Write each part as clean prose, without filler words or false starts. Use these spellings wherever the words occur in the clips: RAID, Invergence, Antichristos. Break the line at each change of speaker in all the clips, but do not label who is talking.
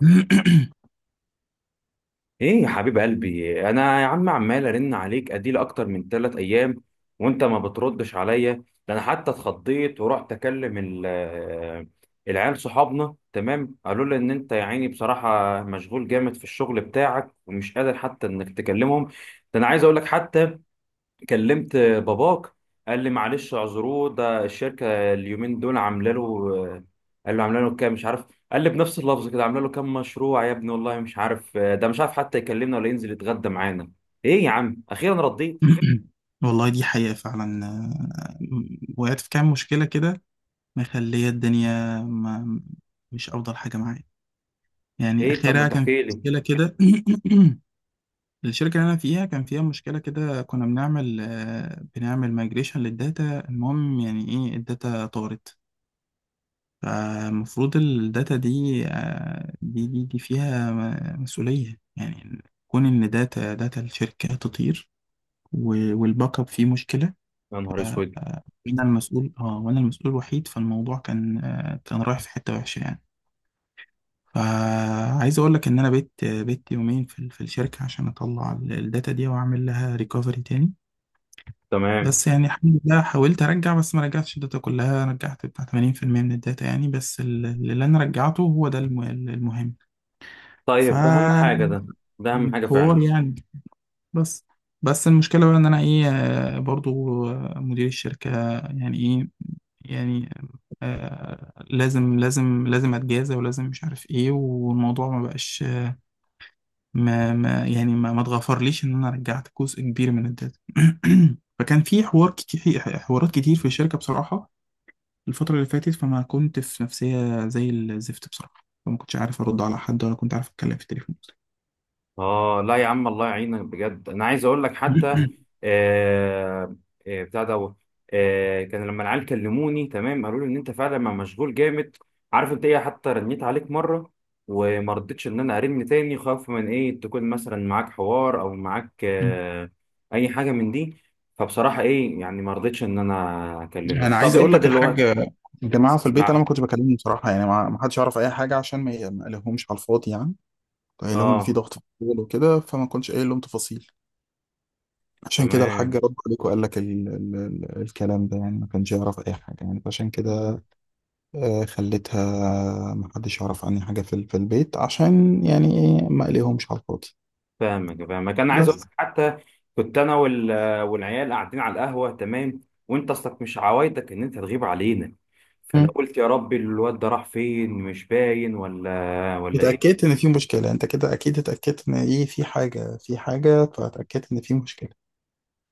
ايه يا حبيب قلبي، انا يا عم عمال ارن عليك اديل اكتر من 3 ايام وانت ما بتردش عليا. ده انا حتى اتخضيت ورحت اكلم العيال صحابنا. تمام، قالوا لي ان انت يا عيني بصراحه مشغول جامد في الشغل بتاعك ومش قادر حتى انك تكلمهم. ده انا عايز اقول لك حتى كلمت باباك، قال لي معلش اعذروه، ده الشركه اليومين دول عامله له. قال له عامله له كام مش عارف. قال لي بنفس اللفظ كده: عامله له كام مشروع يا ابني والله مش عارف، ده مش عارف حتى يكلمنا ولا ينزل يتغدى معانا. ايه يا عم، اخيرا رديت؟
والله دي حقيقة فعلا، وقعت في كام مشكلة كده، مخلية الدنيا، ما مش أفضل حاجة معايا. يعني
ايه، طب ما
آخرها كان في
تحكي لي.
مشكلة كده. الشركة اللي أنا فيها كان فيها مشكلة كده، كنا بنعمل بنعمل مايجريشن للداتا. المهم، يعني إيه، الداتا طارت. فالمفروض الداتا دي دي فيها مسؤولية يعني. كون إن داتا الشركة تطير والباك اب فيه مشكلة.
يا نهار اسود.
وانا المسؤول، اه وانا المسؤول الوحيد، فالموضوع كان كان رايح في حتة وحشة يعني. فعايز اقول لك ان انا بيت يومين في في الشركة عشان اطلع الداتا دي واعمل لها ريكفري تاني.
تمام.
بس يعني الحمد لله، حاولت ارجع، بس ما رجعتش الداتا كلها، رجعت بتاع 80% من الداتا يعني، بس اللي انا رجعته هو ده المهم.
طيب، اهم
فحوار
حاجه ده. ده اهم حاجه فعلا.
يعني. بس بس المشكلة بقى ان انا ايه، برضو، مدير الشركة يعني ايه، يعني آه لازم لازم لازم اتجازى، ولازم مش عارف ايه، والموضوع ما بقاش ما يعني ما اتغفرليش ان انا رجعت جزء كبير من الداتا. فكان في حوار كتير، حوارات كتير في الشركة بصراحة. الفترة اللي فاتت فما كنت في نفسية زي الزفت بصراحة، فما كنتش عارف ارد على حد، ولا كنت عارف اتكلم في التليفون.
اه لا يا عم، الله يعينك بجد. انا عايز اقول لك حتى آه بتاع دوت كان لما العيال كلموني. تمام، قالوا لي ان انت فعلا ما مشغول جامد. عارف انت ايه، حتى رنيت عليك مره، وما رضيتش ان انا ارن تاني خوف من ايه، تكون مثلا معاك حوار او معاك اي حاجه من دي. فبصراحه ايه يعني، ما رضيتش ان انا اكلمك.
انا
طب
عايز اقول
انت
لك الحاج،
دلوقتي
الجماعه في البيت انا
مع
ما كنتش بكلمهم بصراحه يعني، ما حدش يعرف اي حاجه عشان ما قلقهمش على الفاضي يعني. قايل لهم ان في
اه.
ضغط في الشغل وكده، فما كنتش قايل لهم تفاصيل. عشان كده الحاج
تمام.
رد عليك وقال لك ال الكلام ده يعني، ما كانش يعرف اي حاجه يعني، فعشان كده خليتها ما حدش يعرف عني حاجه في في البيت، عشان يعني ايه، ما قلقهمش على الفاضي
فاهمك فاهمك. انا عايز اقول
بس.
لك حتى، كنت انا والعيال قاعدين على القهوه، تمام، وانت اصلك مش عوايدك ان انت تغيب علينا. فانا
مم.
قلت يا ربي الواد ده راح فين، مش باين ولا ايه.
اتاكدت ان في مشكله، انت كده اكيد اتاكدت ان ايه، في حاجه، في حاجه، فاتاكدت ان في مشكله.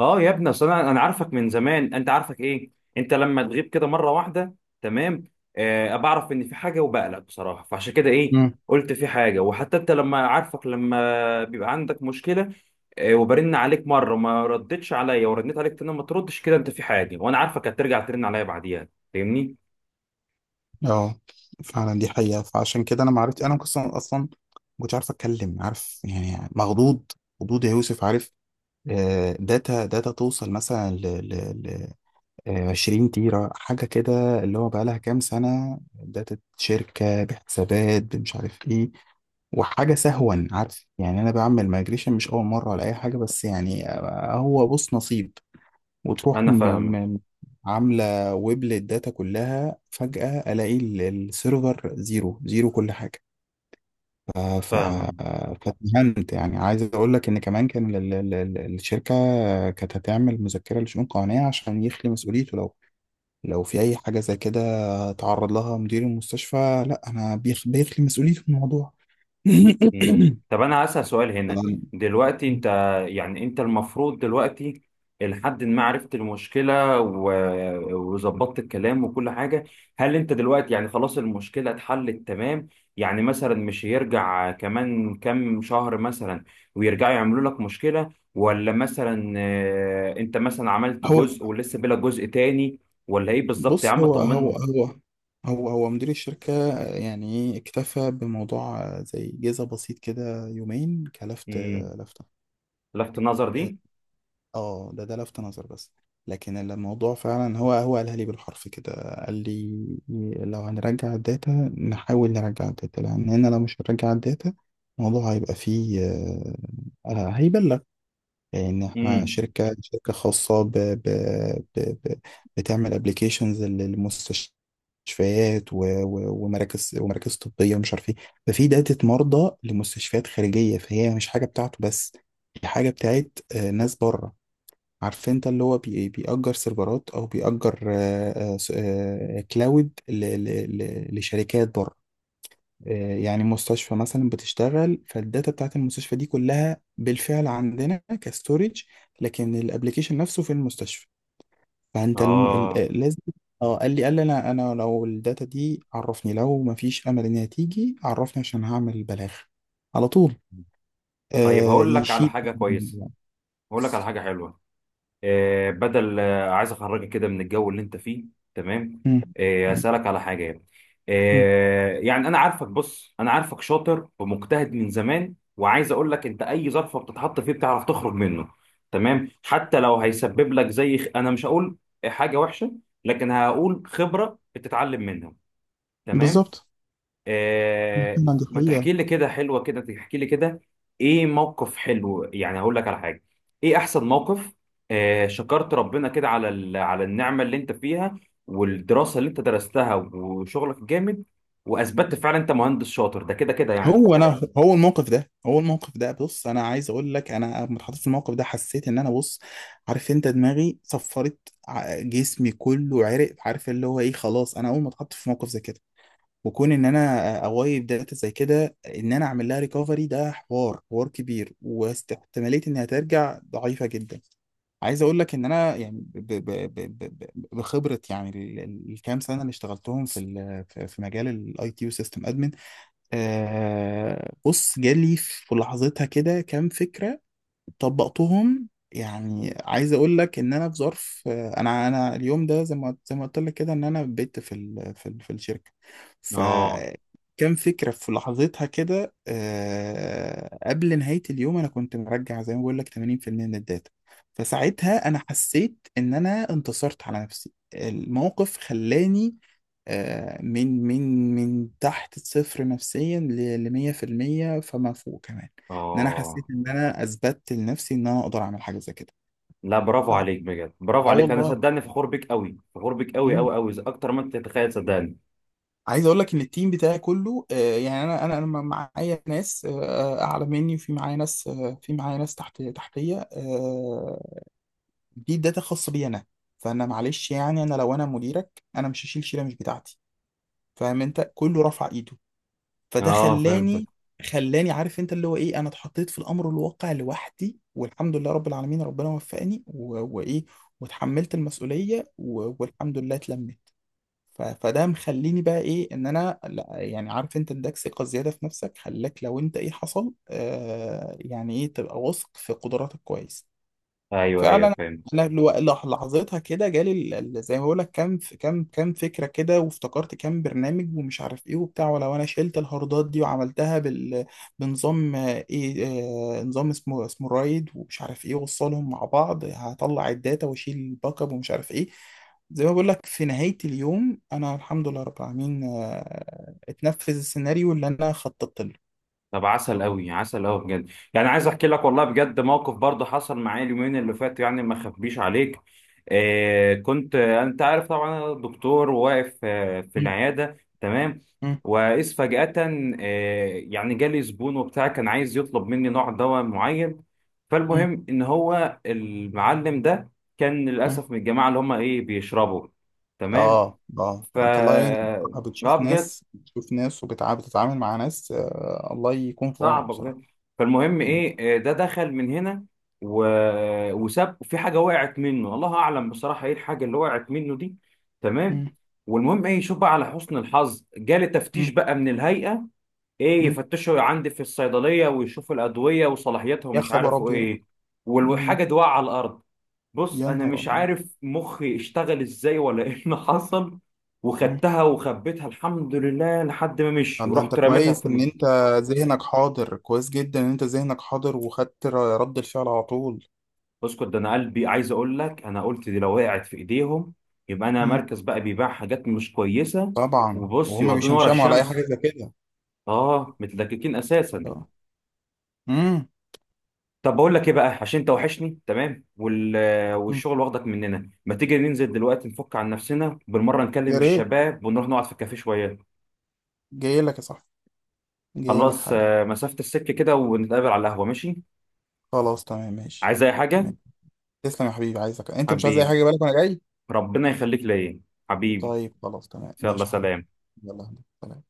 اه يا ابني، اصل انا عارفك من زمان، انت عارفك ايه. انت لما تغيب كده مره واحده، تمام، بعرف ان في حاجه وبقلق بصراحه، فعشان كده ايه،
مم.
قلت في حاجه. وحتى انت لما عارفك لما بيبقى عندك مشكله، وبرن عليك مره وما ردتش عليا، ورنيت عليك تاني ما تردش، كده انت في حاجه، وانا عارفك هترجع ترن عليا بعديها. فاهمني؟
اه، فعلا دي حقيقه، فعشان كده انا ما عرفت، انا كنت اصلا ما كنتش عارف اتكلم، عارف يعني، مخضوض، خضوض يا يوسف، عارف. داتا توصل مثلا 20 تيرة حاجة كده، اللي هو بقالها كام سنة، داتا شركة بحسابات مش عارف ايه، وحاجة سهوا. عارف يعني، أنا بعمل مايجريشن مش أول مرة ولا أي حاجة، بس يعني هو بص، نصيب. وتروح
انا فاهمك
م عاملة ويب للداتا كلها. فجأة ألاقي السيرفر زيرو زيرو كل حاجة. ف... ف...
فاهمك.
فاتهمت يعني. عايز اقول لك ان كمان كان الشركه كانت هتعمل مذكره لشؤون قانونيه عشان يخلي مسؤوليته، لو لو في اي حاجه زي كده تعرض لها مدير المستشفى، لا انا بيخلي مسؤوليته من الموضوع.
مم. طب انا هسأل سؤال هنا، دلوقتي انت، يعني انت المفروض دلوقتي لحد ما عرفت المشكلة و- وظبطت الكلام وكل حاجة، هل انت دلوقتي يعني خلاص المشكلة اتحلت تمام؟ يعني مثلا مش هيرجع كمان كام شهر مثلا ويرجعوا يعملوا لك مشكلة، ولا مثلا انت مثلا عملت
هو
جزء ولسه بلا جزء تاني؟ ولا ايه بالظبط يا
بص،
عم،
هو هو
طمنا.
هو هو هو مدير الشركة يعني اكتفى بموضوع زي جزء بسيط كده، يومين كلفت.
مم.
لفتة.
لفت النظر دي.
اه ده لفت نظر بس. لكن الموضوع فعلا هو قالها لي بالحرف كده. قال لي: لو هنرجع الداتا، نحاول نرجع الداتا، لان هنا لو مش هنرجع الداتا، الموضوع هيبقى فيه هيبلغ. لان احنا
امم.
شركة خاصة ب ب ب ب بتعمل ابلكيشنز للمستشفيات ومراكز طبية ومش عارف ايه. ففي داتا مرضى لمستشفيات خارجية، فهي مش حاجة بتاعته بس. دي حاجة بتاعت ناس بره. عارف انت، اللي هو بيأجر سيرفرات، او بيأجر كلاود لشركات بره. يعني مستشفى مثلا بتشتغل، فالداتا بتاعت المستشفى دي كلها بالفعل عندنا كستورج، لكن الابليكيشن نفسه في المستشفى. فانت الم... ال- آه،
اه،
لازم. اه قال لي، انا لو الداتا دي عرفني، لو ما فيش امل ان هي تيجي عرفني عشان هعمل بلاغ على طول.
طيب هقول لك على
يشيل.
حاجة كويسة، هقول لك على حاجة حلوة. آه بدل آه عايز أخرجك كده من الجو اللي أنت فيه. تمام.
مم. مم.
أسألك على حاجة يعني.
مم.
يعني أنا عارفك، بص أنا عارفك شاطر ومجتهد من زمان، وعايز أقول لك أنت أي ظرف بتتحط فيه بتعرف تخرج منه. تمام. حتى لو هيسبب لك زي أنا مش هقول حاجة وحشة، لكن هقول خبرة بتتعلم منها. تمام.
بالظبط.
آه،
محمد،
ما
هي.
تحكي لي كده حلوة، كده تحكي لي كده. ايه، موقف حلو يعني، هقول لك على حاجة. ايه احسن موقف، شكرت ربنا كده على على النعمة اللي انت فيها والدراسة اللي انت درستها وشغلك الجامد، واثبتت فعلا انت مهندس شاطر، ده كده كده يعني.
هو انا، هو الموقف ده، بص انا عايز اقول لك: انا لما اتحطيت في الموقف ده حسيت ان انا، بص، عارف انت، دماغي صفرت، جسمي كله عرق. عارف اللي هو ايه، خلاص انا اول ما اتحط في موقف زي كده، وكون ان انا اوايب داتا زي كده، ان انا اعمل لها ريكفري، ده حوار كبير، واحتماليه انها ترجع ضعيفه جدا. عايز اقول لك ان انا يعني بخبره، يعني الكام سنه اللي اشتغلتهم في في مجال الاي تي يو سيستم. بص، جالي في لحظتها كده كام فكرة طبقتهم. يعني عايز اقول لك ان انا في ظرف، انا اليوم ده زي ما قلت لك كده ان انا بت في في في الشركه.
اه
فكان فكره في لحظتها كده، قبل نهايه اليوم انا كنت مرجع زي ما بقول لك 80% من الداتا. فساعتها انا حسيت ان انا انتصرت على نفسي، الموقف خلاني من تحت الصفر نفسيا ل 100% فما فوق كمان. ان انا
اه،
حسيت ان انا اثبتت لنفسي ان انا اقدر اعمل حاجه زي كده.
لا، برافو عليك بجد، برافو
اه،
عليك. انا
والله.
صدقني فخور بيك قوي، فخور بيك قوي
امم
قوي قوي اكتر ما انت تتخيل، صدقني.
عايز اقول لك ان التيم بتاعي كله، يعني انا معايا ناس اعلى مني، وفي معايا ناس، تحت تحتيه، دي داتا خاصه بي انا. فانا معلش يعني، انا لو انا مديرك، انا مش هشيل شيله مش بتاعتي. فاهم انت؟ كله رفع ايده. فده
اه فهمتك.
خلاني عارف انت اللي هو ايه، انا اتحطيت في الامر الواقع لوحدي، والحمد لله رب العالمين، ربنا وفقني وايه، وتحملت المسؤولية والحمد لله اتلمت. فده مخليني بقى ايه، ان انا لا يعني، عارف انت، اداك ثقة زيادة في نفسك، خلاك لو انت ايه حصل يعني ايه تبقى واثق في قدراتك كويس.
ايوه ايوه
فعلا.
فهمت.
انا لحظتها كده جالي زي ما بقول لك كام كام فكره كده، وافتكرت كام برنامج ومش عارف ايه وبتاع. ولو انا شلت الهاردات دي وعملتها بال، بنظام، ايه، نظام اسمه رايد ومش عارف ايه، وصلهم مع بعض، هطلع الداتا واشيل الباك اب ومش عارف ايه. زي ما بقول لك في نهايه اليوم انا، الحمد لله رب العالمين، اتنفذ السيناريو اللي انا خططت له.
طب عسل قوي، عسل قوي بجد. يعني عايز احكي لك والله بجد، موقف برضه حصل معايا اليومين اللي فاتوا يعني، ما اخبيش عليك. آه كنت آه، انت عارف طبعا انا دكتور واقف في
م-
العياده، تمام.
م-
واذ فجاه يعني جالي زبون وبتاع كان عايز يطلب مني نوع دواء معين.
م-
فالمهم ان هو المعلم ده كان
م.
للاسف من الجماعه اللي هم ايه، بيشربوا. تمام.
اه اه،
ف
الله يعينك بصراحة.
اه،
بتشوف
بجد
ناس، وبتعامل، مع ناس، الله يكون في عونك
صعبه
بصراحة.
بجد. فالمهم
مم.
ايه، ده دخل من هنا و... وساب في حاجه وقعت منه، الله اعلم بصراحه ايه الحاجه اللي وقعت منه دي. تمام.
مم.
والمهم ايه، شوف بقى، على حسن الحظ جالي تفتيش
مم.
بقى من الهيئه، ايه
مم.
يفتشوا عندي في الصيدليه ويشوفوا الادويه وصلاحيتها
يا
ومش
خبر
عارف
ابيض.
ايه،
مم.
والحاجه دي واقعه على الارض. بص
يا
انا
نهار
مش
ابيض.
عارف مخي اشتغل ازاي ولا ايه اللي حصل،
مم.
وخدتها وخبيتها الحمد لله لحد ما مشي،
طب ده انت
ورحت رميتها في.
كويس ان انت ذهنك حاضر، كويس جدا ان انت ذهنك حاضر وخدت رد الفعل على طول.
اسكت، ده انا قلبي، عايز اقول لك انا قلت دي لو وقعت في ايديهم يبقى انا
مم.
مركز بقى بيبيع حاجات مش كويسه،
طبعا،
وبص
وهما
يودوني ورا
بيشمشموا على اي حاجة
الشمس.
زي كده.
اه، متلككين اساسا.
آه. مم.
طب بقول لك ايه بقى، عشان انت وحشني، تمام
مم.
والشغل واخدك مننا، ما تيجي ننزل دلوقتي نفك عن نفسنا بالمره، نكلم
يا ريت.
الشباب ونروح نقعد في الكافيه شويه.
جاي لك يا صاحبي، جاي لك
خلاص،
حالا.
مسافه السكه كده ونتقابل على القهوه، ماشي.
خلاص تمام ماشي.
عايز اي حاجه؟
تسلم يا حبيبي، عايزك انت، مش عايز اي
حبيبي،
حاجه، بالك وانا جاي.
ربنا يخليك ليا. حبيبي،
طيب خلاص تمام
يلا
ماشي يا حبيبي.
سلام.
يلا سلام.